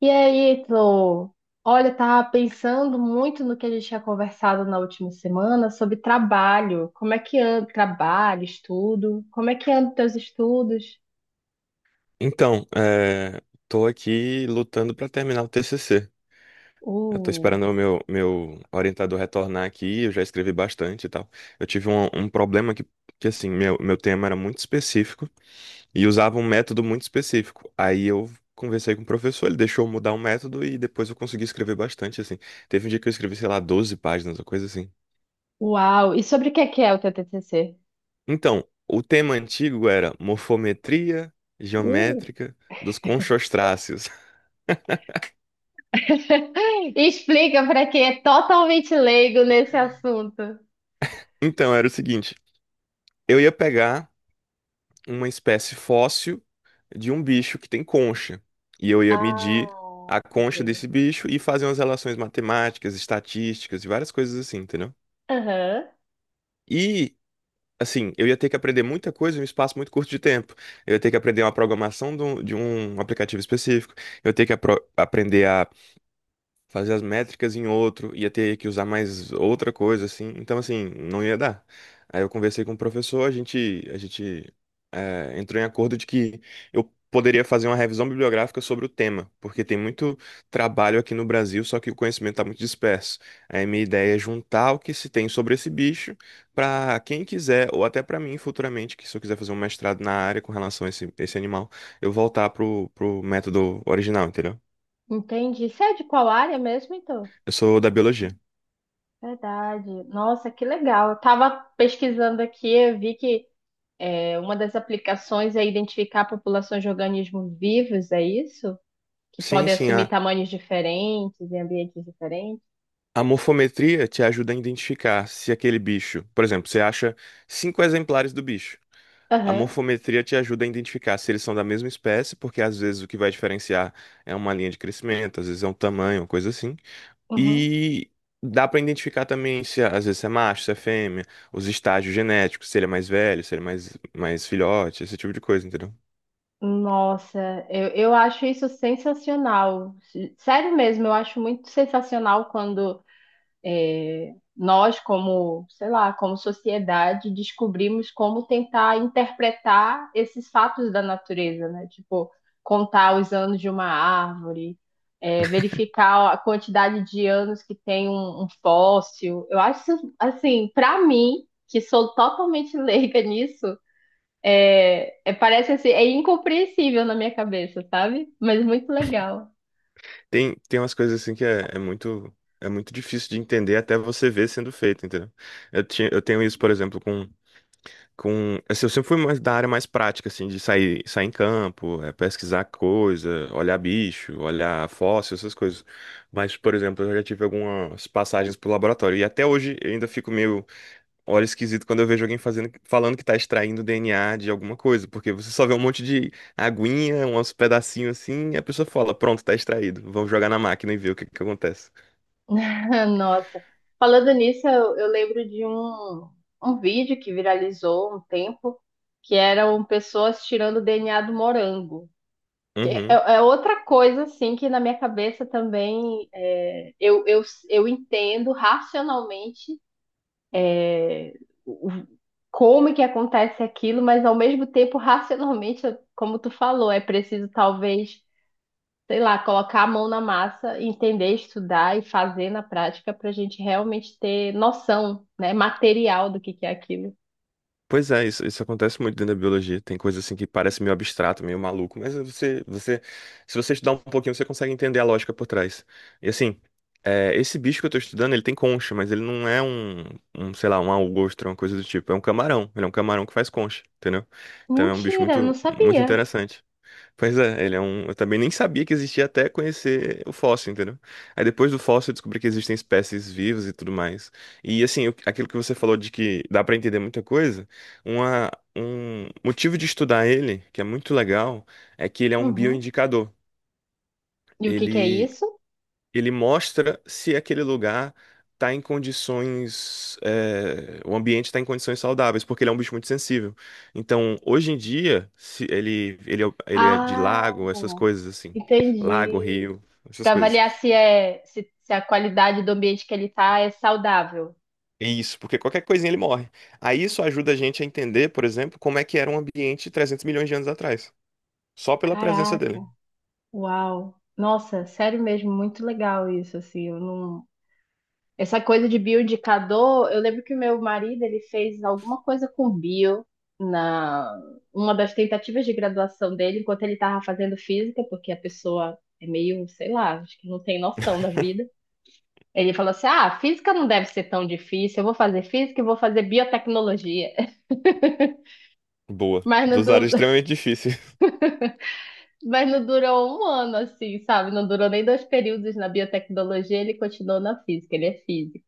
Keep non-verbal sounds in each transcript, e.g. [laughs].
E aí, Tô? Olha, eu tava pensando muito no que a gente tinha conversado na última semana sobre trabalho. Como é que anda trabalho, estudo? Como é que andam teus estudos? Então, tô aqui lutando para terminar o TCC. Eu tô Uh, esperando o meu orientador retornar aqui, eu já escrevi bastante e tal. Eu tive um problema que assim, meu tema era muito específico e usava um método muito específico. Aí eu conversei com o professor, ele deixou eu mudar o método e depois eu consegui escrever bastante, assim. Teve um dia que eu escrevi, sei lá, 12 páginas, uma coisa assim. uau! E sobre o que é o teu TCC? Então, o tema antigo era morfometria Uh. geométrica dos conchostráceos. [laughs] [laughs] Explica para quem é totalmente leigo nesse assunto. Então, era o seguinte. Eu ia pegar uma espécie fóssil de um bicho que tem concha. E eu ia medir Ah, a ok. concha desse bicho e fazer umas relações matemáticas, estatísticas e várias coisas assim, entendeu? Aham, E, assim, eu ia ter que aprender muita coisa em um espaço muito curto de tempo. Eu ia ter que aprender uma programação de um aplicativo específico. Eu ia ter que aprender a fazer as métricas em outro, ia ter que usar mais outra coisa, assim. Então, assim, não ia dar. Aí eu conversei com o professor, a gente entrou em acordo de que eu poderia fazer uma revisão bibliográfica sobre o tema, porque tem muito trabalho aqui no Brasil, só que o conhecimento está muito disperso. Aí minha ideia é juntar o que se tem sobre esse bicho para quem quiser, ou até para mim futuramente, que se eu quiser fazer um mestrado na área com relação a esse animal, eu voltar pro método original, entendeu? entendi. Você é de qual área mesmo, então? Eu sou da biologia. Verdade. Nossa, que legal. Eu tava pesquisando aqui, eu vi que uma das aplicações é identificar populações de organismos vivos, é isso? Que Sim, podem sim, assumir tamanhos diferentes em ambientes diferentes? a morfometria te ajuda a identificar se aquele bicho, por exemplo, você acha cinco exemplares do bicho. A Aham, morfometria te ajuda a identificar se eles são da mesma espécie, porque às vezes o que vai diferenciar é uma linha de crescimento, às vezes é um tamanho, uma coisa assim. uhum. E dá para identificar também se às vezes se é macho, se é fêmea, os estágios genéticos, se ele é mais velho, se ele é mais filhote, esse tipo de coisa, entendeu? Nossa, eu acho isso sensacional. Sério mesmo, eu acho muito sensacional quando é, nós, como, sei lá, como sociedade, descobrimos como tentar interpretar esses fatos da natureza, né? Tipo, contar os anos de uma árvore, é, verificar a quantidade de anos que tem um fóssil. Eu acho, assim, para mim, que sou totalmente [laughs] leiga nisso, é, é, parece assim, é incompreensível na minha cabeça, sabe? Mas muito legal. Tem umas coisas assim que é muito difícil de entender até você ver sendo feito, entendeu? Eu tinha, eu tenho isso, por exemplo, com assim, eu sempre fui mais da área mais prática assim, de sair em campo, é, pesquisar coisa, olhar bicho, olhar fóssil, essas coisas. Mas, por exemplo, eu já tive algumas passagens pro laboratório e até hoje eu ainda fico meio olho esquisito quando eu vejo alguém fazendo, falando que tá extraindo DNA de alguma coisa, porque você só vê um monte de aguinha, uns pedacinhos assim, e a pessoa fala, pronto, tá extraído. Vamos jogar na máquina e ver o que que acontece. [laughs] Nossa, falando nisso, eu lembro de um vídeo que viralizou um tempo, que eram pessoas tirando o DNA do morango. Que é, Uhum. é outra coisa, assim, que na minha cabeça também é, eu entendo racionalmente é, o- como que acontece aquilo, mas ao mesmo tempo, racionalmente, como tu falou, é preciso talvez sei lá, colocar a mão na massa, entender, estudar e fazer na prática para a gente realmente ter noção, né, material do que é aquilo. Pois é, isso acontece muito dentro da biologia. Tem coisa assim que parece meio abstrato, meio maluco, mas você, se você estudar um pouquinho, você consegue entender a lógica por trás. E assim, é, esse bicho que eu tô estudando, ele tem concha, mas ele não é um, sei lá, um algostra, uma coisa do tipo. É um camarão. Ele é um camarão que faz concha, entendeu? Então é um bicho Mentira, eu não muito, muito sabia. interessante. Pois é, ele é um. Eu também nem sabia que existia até conhecer o fóssil, entendeu? Aí depois do fóssil eu descobri que existem espécies vivas e tudo mais. E assim, o- aquilo que você falou de que dá pra entender muita coisa, uma, um motivo de estudar ele, que é muito legal, é que ele é um Uhum. bioindicador. E o que que é Ele isso? ele mostra se aquele lugar está em condições, é, o ambiente está em condições saudáveis, porque ele é um bicho muito sensível. Então, hoje em dia, se ele, ele é de Ah, lago, essas coisas assim, lago, entendi. rio, essas Para coisas. avaliar se é se, se a qualidade do ambiente que ele tá é saudável. É, isso, porque qualquer coisinha ele morre. Aí isso ajuda a gente a entender, por exemplo, como é que era um ambiente 300 milhões de anos atrás, só pela presença Caraca, dele. uau. Nossa, sério mesmo, muito legal isso, assim, eu não. Essa coisa de bioindicador, eu lembro que o meu marido ele fez alguma coisa com bio na uma das tentativas de graduação dele, enquanto ele estava fazendo física, porque a pessoa é meio, sei lá, acho que não tem noção da vida. Ele falou assim: "Ah, física não deve ser tão difícil. Eu vou fazer física e vou fazer biotecnologia". [laughs] Boa. Mas não, Dos áreas [laughs] extremamente difíceis. mas não durou um ano assim, sabe? Não durou nem dois períodos na biotecnologia, ele continuou na física, ele é físico.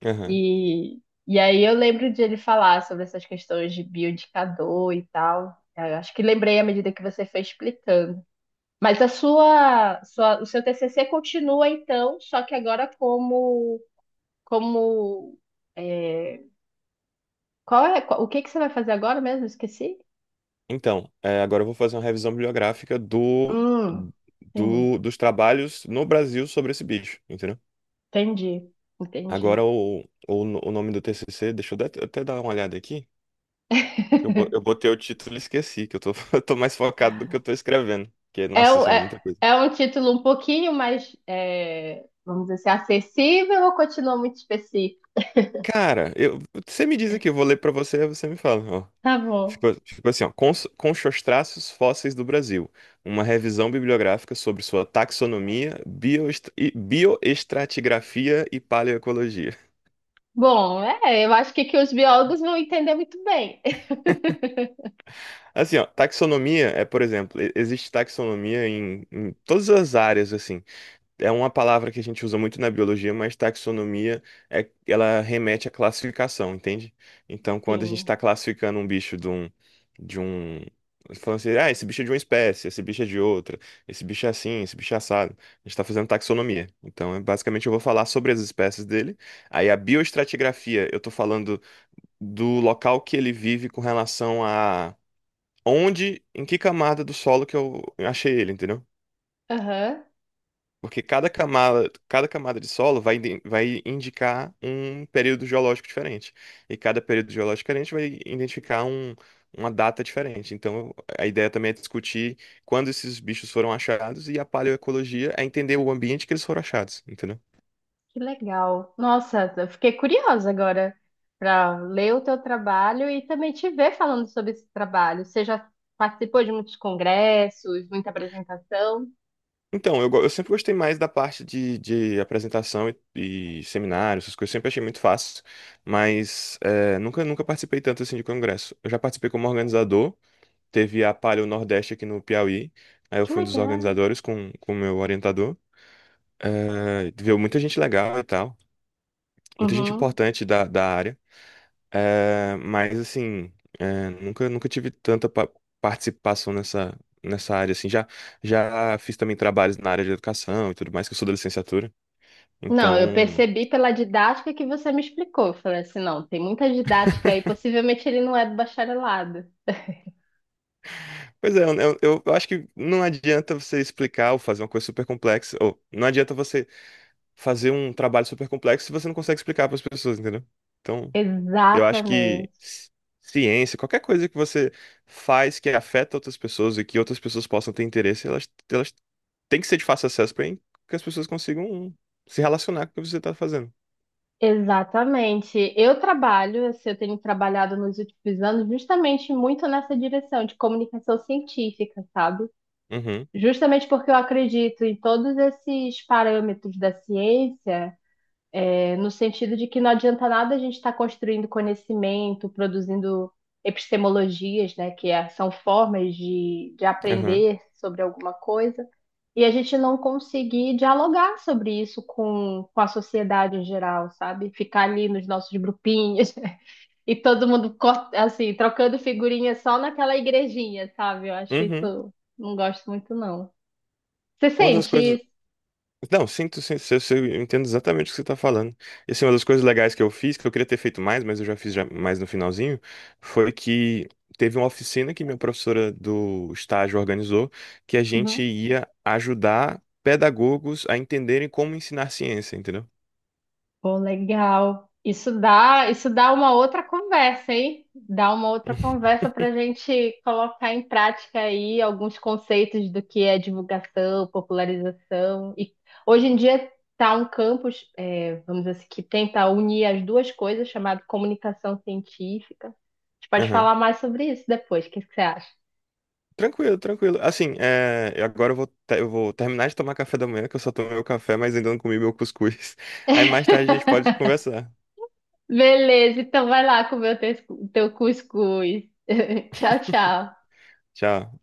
[laughs] E, e aí eu lembro de ele falar sobre essas questões de bioindicador e tal. Eu acho que lembrei à medida que você foi explicando. Mas a o seu TCC continua então, só que agora como, como, é, qual é, o que que você vai fazer agora mesmo? Esqueci. Então, é, agora eu vou fazer uma revisão bibliográfica do, Hum, sim, do- dos trabalhos no Brasil sobre esse bicho, entendeu? entendi, entendi. Agora o, no- o nome do TCC, deixa eu dar- até dar uma olhada aqui, porque eu, bo- eu [laughs] botei o título e esqueci, que eu tô, [laughs] eu tô mais focado do que eu tô escrevendo, que, É, nossa senhora, é, muita coisa. é um título um pouquinho mais, é, vamos dizer assim, acessível ou continua muito específico? Cara, eu, você me diz aqui, eu vou ler pra você, aí você me fala. Tá bom. Ficou, ficou assim, ó, com seus traços fósseis do Brasil, uma revisão bibliográfica sobre sua taxonomia, bioest- e- bioestratigrafia e paleoecologia. Bom, é, eu acho que os biólogos vão entender muito bem. [laughs] Assim, ó, taxonomia é, por exemplo, e- existe taxonomia em todas as áreas, assim, é uma palavra que a gente usa muito na biologia, mas taxonomia é, ela remete à classificação, entende? Então, quando a gente Sim. está classificando um bicho de um, de um, falando assim, ah, esse bicho é de uma espécie, esse bicho é de outra, esse bicho é assim, esse bicho é assado, a gente está fazendo taxonomia. Então, é, basicamente, eu vou falar sobre as espécies dele. Aí, a bioestratigrafia, eu estou falando do local que ele vive com relação a onde, em que camada do solo que eu achei ele, entendeu? Aham. Porque cada camada de solo vai, iden- vai indicar um período geológico diferente. E cada período geológico diferente vai identificar um- uma data diferente. Então, a ideia também é discutir quando esses bichos foram achados e a paleoecologia é entender o ambiente que eles foram achados, entendeu? Que legal. Nossa, eu fiquei curiosa agora para ler o teu trabalho e também te ver falando sobre esse trabalho. Você já participou de muitos congressos, muita apresentação? Então, eu, go- eu sempre gostei mais da parte de apresentação e seminários, essas coisas, eu sempre achei muito fácil, mas é, nunca, nunca participei tanto assim de congresso. Eu já participei como organizador. Teve a Palio Nordeste aqui no Piauí. Aí eu Que fui um dos legal. organizadores com o meu orientador. É, viu muita gente legal e tal. Muita gente Uhum. importante da área. É, mas, assim, é, nunca, nunca tive tanta participação nessa área, assim. Já, já fiz também trabalhos na área de educação e tudo mais, que eu sou da licenciatura. Não, eu Então... percebi pela didática que você me explicou. Eu falei assim, não, tem muita didática aí, possivelmente ele não é do bacharelado. Pois é, eu acho que não adianta você explicar ou fazer uma coisa super complexa, ou não adianta você fazer um trabalho super complexo se você não consegue explicar para as pessoas, entendeu? Então, eu acho que Exatamente. Ciência, qualquer coisa que você faz que afeta outras pessoas e que outras pessoas possam ter interesse, elas têm que ser de fácil acesso para que as pessoas consigam se relacionar com o que você está fazendo. Exatamente. Eu trabalho, assim, eu tenho trabalhado nos últimos anos justamente muito nessa direção de comunicação científica, sabe? Uhum, Justamente porque eu acredito em todos esses parâmetros da ciência no sentido de que não adianta nada a gente estar construindo conhecimento, produzindo epistemologias, né, que são formas de uhum, aprender sobre alguma coisa, e a gente não conseguir dialogar sobre isso com a sociedade em geral, sabe? Ficar ali nos nossos grupinhos [laughs] e todo mundo, assim, trocando figurinha só naquela igrejinha, sabe? Eu acho uhum. isso, não gosto muito, não. Você Uma das sente coisas. isso? Não, sinto, sim, eu entendo exatamente o que você está falando. E assim, uma das coisas legais que eu fiz, que eu queria ter feito mais, mas eu já fiz já mais no finalzinho, foi que teve uma oficina que minha professora do estágio organizou, que a gente Uhum. ia ajudar pedagogos a entenderem como ensinar ciência, entendeu? Pô, legal. Isso dá uma outra conversa, hein? Dá uma outra [laughs] conversa para a gente colocar em prática aí alguns conceitos do que é divulgação, popularização. E hoje em dia está um campus, é, vamos dizer assim, que tenta unir as duas coisas, chamado comunicação científica. A gente pode Aham. falar mais sobre isso depois. O que que você acha? Tranquilo, tranquilo. Assim, é, eu agora eu vou, te- eu vou terminar de tomar café da manhã, que eu só tomei meu café, mas ainda não comi meu cuscuz. [laughs] Aí mais tarde a gente [laughs] pode conversar. Beleza, então vai lá comer o teu cuscuz. [laughs] Tchau, tchau. Tchau.